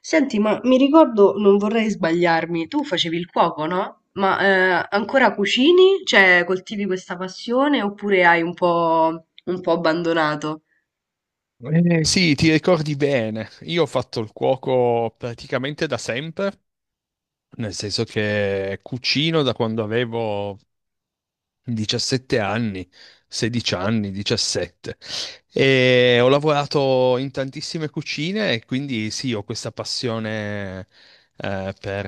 Senti, ma mi ricordo, non vorrei sbagliarmi, tu facevi il cuoco, no? Ma ancora cucini? Cioè, coltivi questa passione oppure hai un po' abbandonato? Sì, ti ricordi bene. Io ho fatto il cuoco praticamente da sempre, nel senso che cucino da quando avevo 17 anni, 16 anni, 17. E ho lavorato in tantissime cucine e quindi sì, ho questa passione per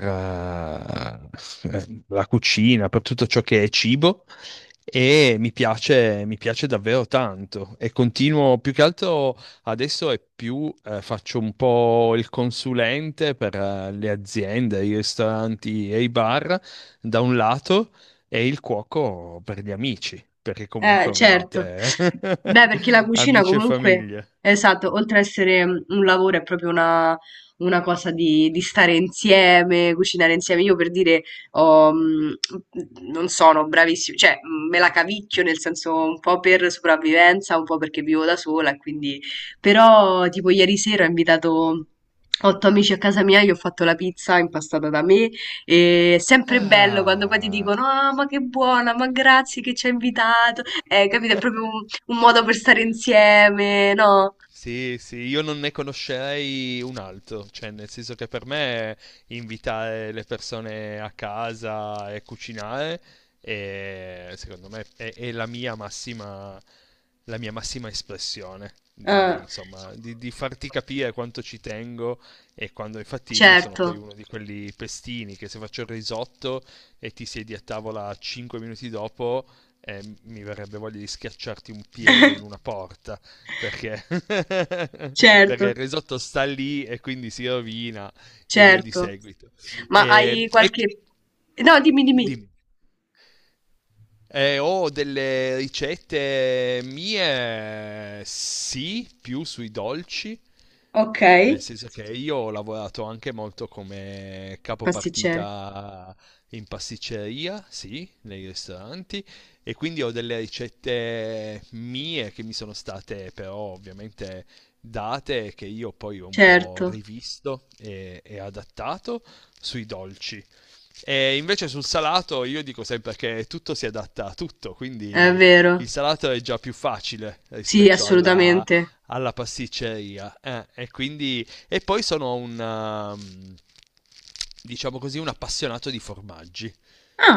la cucina, per tutto ciò che è cibo e mi piace davvero tanto e continuo più che altro adesso è più faccio un po' il consulente per le aziende, i ristoranti e i bar da un lato e il cuoco per gli amici, perché comunque Certo. ovviamente è Beh, perché la cucina amici e comunque, famiglia. esatto, oltre a essere un lavoro, è proprio una cosa di stare insieme, cucinare insieme. Io per dire, ho, mm, non sono bravissima, cioè me la cavicchio nel senso un po' per sopravvivenza, un po' perché vivo da sola, e quindi. Però tipo ieri sera ho invitato otto amici a casa mia, gli ho fatto la pizza impastata da me, e è sempre bello quando poi ti Ah. dicono: Ah, ma che buona, ma grazie che ci hai invitato. Capito? È proprio un modo per stare insieme, no? Sì, sì, io non ne conoscerei un altro, cioè nel senso che per me invitare le persone a casa e cucinare è, secondo me è la mia massima espressione di, Ah, insomma, di farti capire quanto ci tengo e quando infatti io sono poi certo, uno di quelli pestini che se faccio il risotto e ti siedi a tavola 5 minuti dopo, mi verrebbe voglia di schiacciarti un piede in una porta perché, perché il certo, risotto sta lì e quindi si rovina e via di certo. seguito. Ma E, hai e... qualche. No, dimmi, dimmi. Dimmi. Ho delle ricette mie, sì, più sui dolci, Ok. nel senso che io ho lavorato anche molto come Pasticcere. capopartita in pasticceria, sì, nei ristoranti, e quindi ho delle ricette mie che mi sono state però ovviamente date, che io poi ho un po' Certo, rivisto e adattato sui dolci. E invece sul salato io dico sempre che tutto si adatta a tutto, è quindi vero. il salato è già più facile Sì, rispetto alla, assolutamente. alla pasticceria. E poi sono diciamo così, un appassionato di formaggi.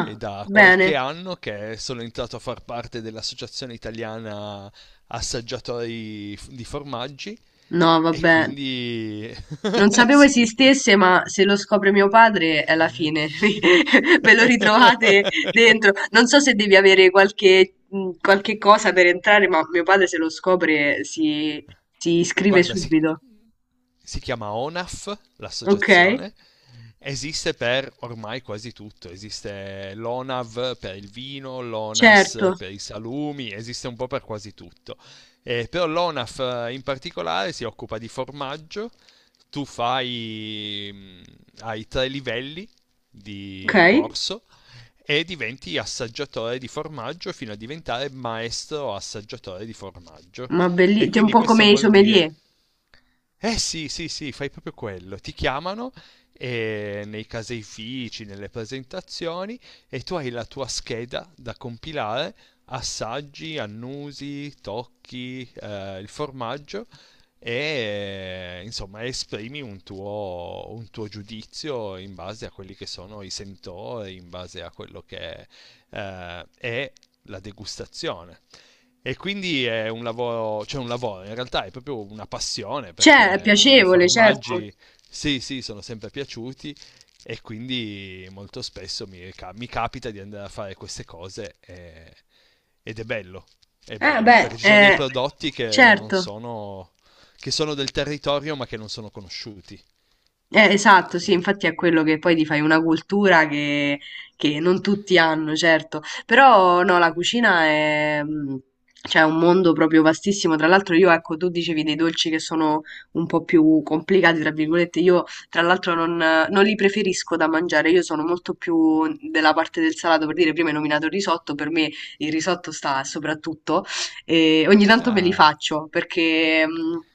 È da qualche bene. anno che sono entrato a far parte dell'Associazione Italiana Assaggiatori di Formaggi, No, e vabbè. quindi Non sapevo sì, esistesse, ma se lo scopre mio padre è la fine. Ve lo ritrovate dentro. Non so se devi avere qualche cosa per entrare, ma mio padre se lo scopre si iscrive guarda, si, subito. si chiama ONAF, Ok? l'associazione, esiste per ormai quasi tutto, esiste l'ONAV per il vino, Certo. l'ONAS per i salumi, esiste un po' per quasi tutto. Però l'ONAF in particolare si occupa di formaggio, tu fai, mm, hai tre livelli Ok? di corso e diventi assaggiatore di formaggio fino a diventare maestro assaggiatore di formaggio. Ma E bellissimo, un quindi po' questo come i vuol dire sommelier. eh sì, sì, sì, fai proprio quello. Ti chiamano nei caseifici, nelle presentazioni, e tu hai la tua scheda da compilare, assaggi, annusi, tocchi il formaggio, e insomma esprimi un tuo giudizio in base a quelli che sono i sentori, in base a quello che è la degustazione. E quindi è un lavoro, cioè un lavoro, in realtà è proprio una passione perché Cioè, è a me i piacevole, certo. formaggi, sì, sì, sono sempre piaciuti, e quindi molto spesso mi capita di andare a fare queste cose ed è bello, Beh, perché ci sono dei prodotti che non certo. sono, che sono del territorio ma che non sono conosciuti. Esatto, sì, infatti è quello che poi ti fai una cultura che non tutti hanno, certo, però no, la cucina è, cioè, un mondo proprio vastissimo, tra l'altro io, ecco, tu dicevi dei dolci che sono un po' più complicati, tra virgolette, io tra l'altro non li preferisco da mangiare, io sono molto più della parte del salato, per dire, prima hai nominato il risotto, per me il risotto sta soprattutto, e ogni tanto me li Ah. faccio perché.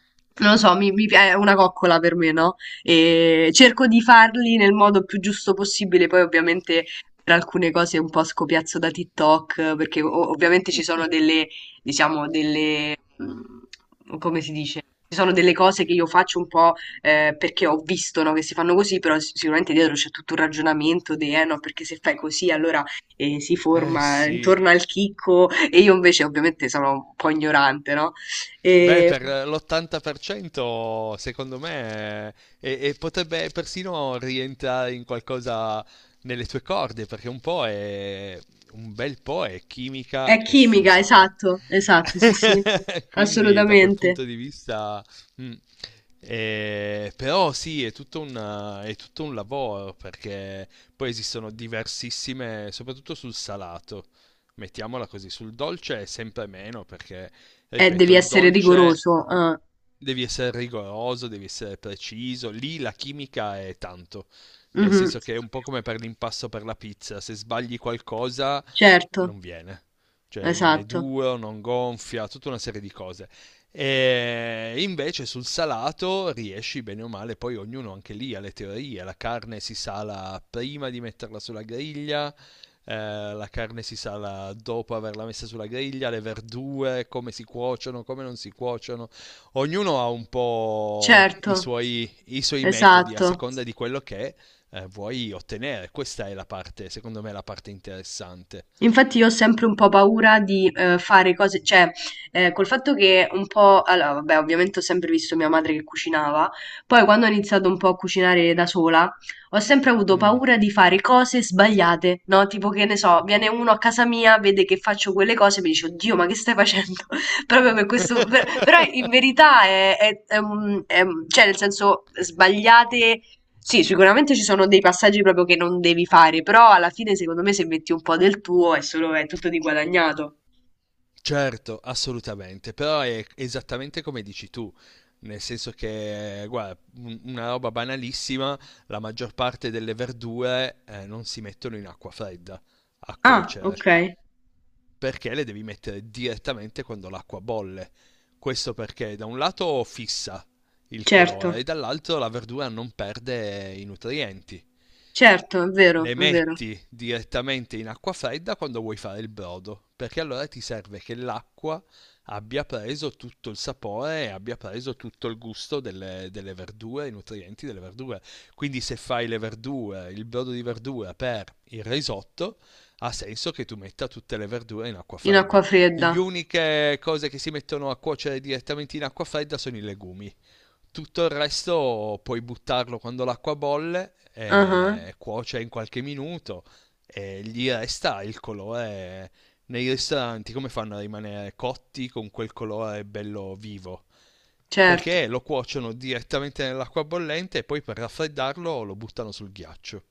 Non lo so, è una coccola per me, no? E cerco di farli nel modo più giusto possibile. Poi ovviamente per alcune cose un po' scopiazzo da TikTok, perché ovviamente ci sono diciamo, come si dice? Ci sono delle cose che io faccio un po' perché ho visto, no, che si fanno così, però sicuramente dietro c'è tutto un ragionamento di, eh no, perché se fai così allora si Eh forma sì, intorno al chicco e io invece ovviamente sono un po' ignorante, no? beh, E per l'80% secondo me e potrebbe persino rientrare in qualcosa nelle tue corde, perché un bel po' è chimica È e chimica, fisica. esatto, esatto, sì, sì, Quindi da quel assolutamente. punto di vista, mm, però sì, è tutto un lavoro perché poi esistono diversissime, soprattutto sul salato. Mettiamola così, sul dolce è sempre meno perché ripeto, Devi il essere dolce rigoroso. Ah, devi essere rigoroso, devi essere preciso, lì la chimica è tanto, nel mhm. senso che è un po' come per l'impasto per la pizza, se sbagli qualcosa Certo, non viene, cioè rimane esatto, duro, non gonfia, tutta una serie di cose. E invece sul salato riesci bene o male, poi ognuno anche lì ha le teorie, la carne si sala prima di metterla sulla griglia, la carne si sala dopo averla messa sulla griglia, le verdure, come si cuociono, come non si cuociono. Ognuno ha un po' i certo, suoi, i suoi metodi a esatto. seconda di quello che vuoi ottenere. Questa è la parte, secondo me, la parte interessante. Infatti io ho sempre un po' paura di fare cose, cioè col fatto che un po', allora vabbè ovviamente ho sempre visto mia madre che cucinava, poi quando ho iniziato un po' a cucinare da sola ho sempre avuto Mm. paura di fare cose sbagliate, no? Tipo che ne so, viene uno a casa mia, vede che faccio quelle cose e mi dice oddio ma che stai facendo? Proprio per questo, però in verità cioè nel senso sbagliate sì, sicuramente ci sono dei passaggi proprio che non devi fare, però alla fine secondo me se metti un po' del tuo è solo, è tutto di guadagnato. Certo, assolutamente, però è esattamente come dici tu, nel senso che, guarda, una roba banalissima, la maggior parte delle verdure non si mettono in acqua fredda a Ah, cuocere, ok, perché le devi mettere direttamente quando l'acqua bolle. Questo perché da un lato fissa il colore certo, e dall'altro la verdura non perde i nutrienti. certo, è vero, Le è vero. metti direttamente in acqua fredda quando vuoi fare il brodo, perché allora ti serve che l'acqua abbia preso tutto il sapore e abbia preso tutto il gusto delle verdure, i nutrienti delle verdure. Quindi se fai le verdure, il brodo di verdura per il risotto, ha senso che tu metta tutte le verdure in acqua In acqua fredda. fredda. Le uniche cose che si mettono a cuocere direttamente in acqua fredda sono i legumi. Tutto il resto puoi buttarlo quando l'acqua bolle, Ah, ah, e cuoce in qualche minuto e gli resta il colore. Nei ristoranti come fanno a rimanere cotti con quel colore bello vivo, certo. perché lo cuociono direttamente nell'acqua bollente e poi per raffreddarlo lo buttano sul ghiaccio.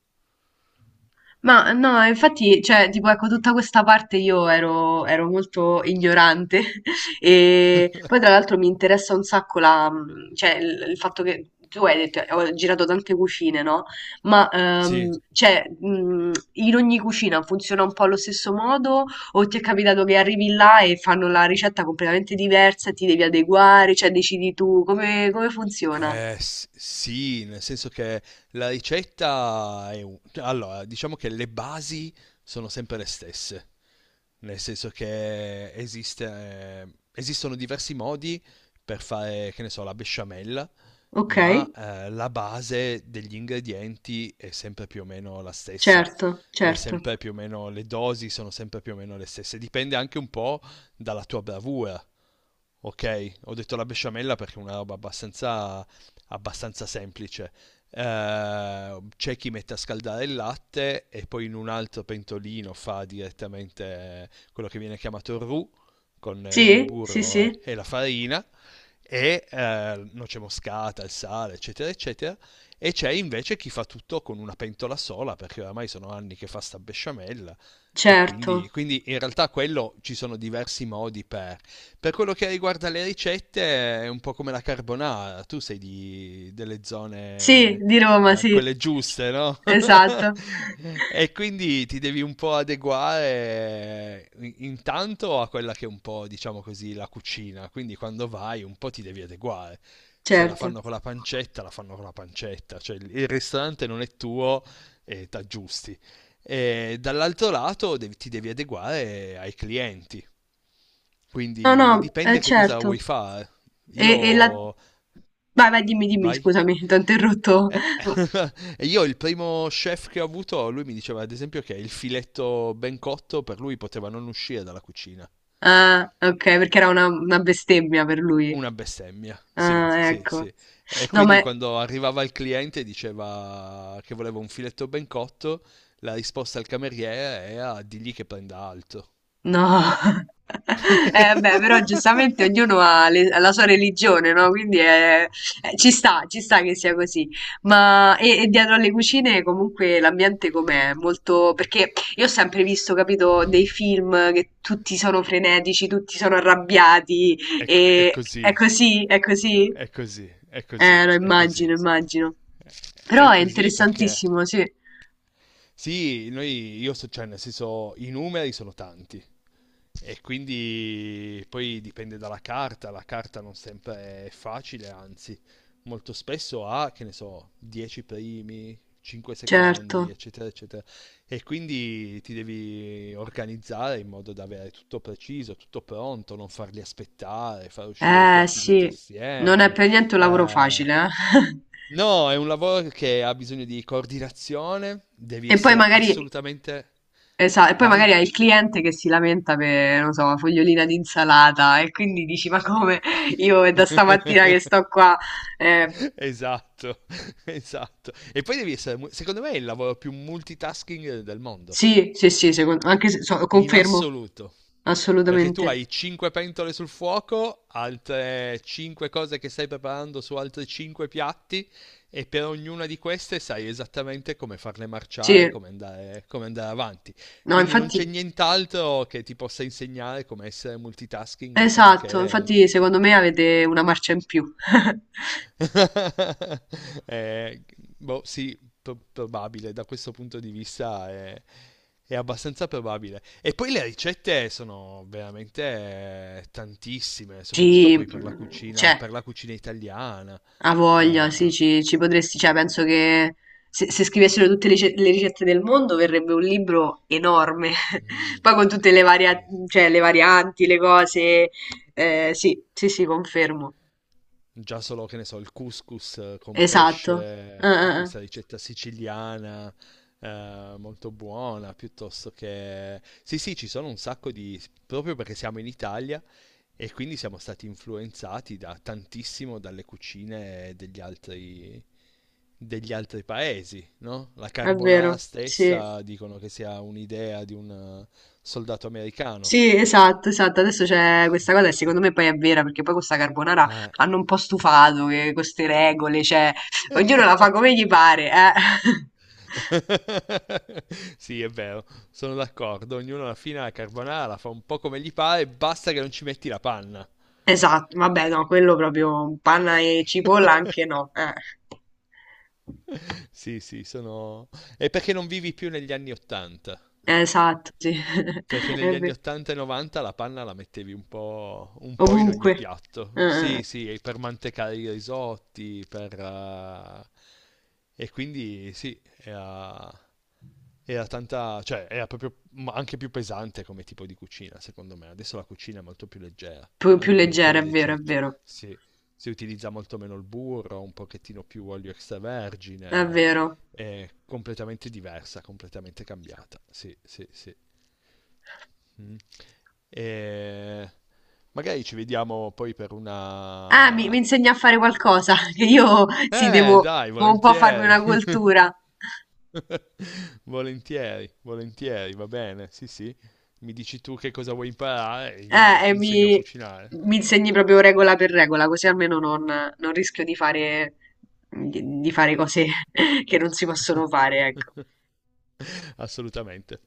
Ma no, infatti, cioè, tipo, ecco, tutta questa parte io ero molto ignorante e poi tra l'altro mi interessa un sacco cioè, il fatto che tu hai detto, ho girato tante cucine, no? Ma, Sì. cioè, in ogni cucina funziona un po' allo stesso modo o ti è capitato che arrivi là e fanno la ricetta completamente diversa e ti devi adeguare, cioè, decidi tu come funziona? Sì, nel senso che la ricetta è cioè, allora, diciamo che le basi sono sempre le stesse, nel senso che esiste, esistono diversi modi per fare, che ne so, la besciamella, Ok, ma la base degli ingredienti è sempre più o meno la stessa. certo, È certo. sempre più o meno, le dosi sono sempre più o meno le stesse. Dipende anche un po' dalla tua bravura. Ok, ho detto la besciamella perché è una roba abbastanza, abbastanza semplice. C'è chi mette a scaldare il latte e poi in un altro pentolino fa direttamente quello che viene chiamato roux con il Sì, sì, burro e sì. e la farina e noce moscata, il sale, eccetera, eccetera. E c'è invece chi fa tutto con una pentola sola, perché oramai sono anni che fa sta besciamella. E Certo. quindi, in realtà quello ci sono diversi modi per. Per quello che riguarda le ricette, è un po' come la carbonara. Tu sei di, delle Sì, zone di Roma, sì. quelle giuste, no? Esatto. E quindi ti devi un po' adeguare, intanto a quella che è un po', diciamo così, la cucina. Quindi quando vai un po' ti devi adeguare. Se la Certo. fanno con la pancetta, la fanno con la pancetta. Cioè il ristorante non è tuo e t'aggiusti. E dall'altro lato ti devi adeguare ai clienti. No, no, Quindi dipende che cosa certo. vuoi fare. E, e la... Io. Vai, vai, dimmi, dimmi, Vai. scusami, ti ho interrotto. Eh, e io il primo chef che ho avuto, lui mi diceva ad esempio che il filetto ben cotto per lui poteva non uscire dalla cucina. Ah, ok, perché era una bestemmia per lui. Una bestemmia, sì, Ah, sì, ecco. sì. E No, quindi quando arrivava il cliente e diceva che voleva un filetto ben cotto, la risposta al cameriere era: digli che prenda alto. No, beh, però giustamente ognuno ha la sua religione, no? Quindi ci sta che sia così. Ma dietro alle cucine comunque l'ambiente com'è? Molto. Perché io ho sempre visto, capito, dei film che tutti sono frenetici, tutti sono arrabbiati È, è e è così. così, è così? È così, è così, Lo è immagino, così. immagino. Però È è così perché, interessantissimo, sì, sì, noi, io so, cioè, nel senso, i numeri sono tanti. E quindi poi dipende dalla carta, la carta non sempre è facile, anzi, molto spesso ha, che ne so, 10 primi, 5 secondi, certo. eccetera, eccetera, e quindi ti devi organizzare in modo da avere tutto preciso, tutto pronto, non farli aspettare, far uscire i piatti tutti Sì, non è assieme. per niente un lavoro facile, Eh, eh. No, è un lavoro che ha bisogno di coordinazione, devi E poi essere magari, assolutamente. Vai? hai il cliente che si lamenta per, non so, una fogliolina di insalata e quindi dici, ma come? Io è da stamattina che sto qua. Eh, Esatto, esatto. E poi devi essere, secondo me, è il lavoro più multitasking del mondo. sì, sì, sì, anche se, In confermo, assoluto. Perché tu assolutamente. hai 5 pentole sul fuoco, altre 5 cose che stai preparando su altri 5 piatti, e per ognuna di queste sai esattamente come farle Sì, marciare, come andare avanti. no, Quindi non c'è infatti, nient'altro che ti possa insegnare come essere multitasking se non esatto, che infatti secondo me avete una marcia in più. Eh, boh, sì, probabile, da questo punto di vista è abbastanza probabile. E poi le ricette sono veramente tantissime, soprattutto Sì, poi c'è. per la cucina italiana. Ha voglia, sì, Eh, ci potresti, cioè penso che se scrivessero tutte le ricette del mondo verrebbe un libro enorme, mm, poi con tutte sì, sì. cioè, le varianti, le cose, sì, sì, sì, confermo, Già solo, che ne so, il couscous con esatto. Pesce, che è Eh. questa ricetta siciliana, molto buona, piuttosto che. Sì, sì, ci sono un sacco di proprio perché siamo in Italia e quindi siamo stati influenzati da tantissimo dalle cucine degli altri paesi, no? La È carbonara vero, sì, stessa dicono che sia un'idea di un soldato americano. sì, esatto, esatto, adesso c'è questa cosa e secondo me poi è vera, perché poi questa carbonara Eh. hanno un po' stufato che queste regole, cioè, ognuno la fa come gli pare, eh. Sì, è vero, sono d'accordo. Ognuno alla fine la carbonara la fa un po' come gli pare, basta che non ci metti la panna. Esatto, vabbè, no, quello proprio panna e cipolla anche no. Sì, sì, sono. È perché non vivi più negli anni Ottanta. Esatto, sì. Perché È negli anni ve- 80 e 90 la panna la mettevi un po' in ogni Ovunque. Eh, piatto. eh. Sì, sì, e per mantecare i risotti, E quindi sì, era tanta, cioè era proprio, ma anche più pesante come tipo di cucina, secondo me. Adesso la cucina è molto più leggera, Più anche leggera, le è vero, è ricette. vero, Si, si utilizza molto meno il burro, un pochettino più olio è extravergine, vero. è completamente diversa, completamente cambiata. Sì, sì, sì. Mm. E magari ci vediamo poi per Ah, mi una. insegna a fare qualcosa, che io sì, devo, Dai, devo un po' farmi volentieri. una cultura. Volentieri, volentieri, va bene. Sì, sì. Mi dici tu che cosa vuoi imparare e io Eh, e ti insegno a mi, cucinare. mi insegni proprio regola per regola, così almeno non rischio di fare cose che non si possono fare, ecco. Assolutamente.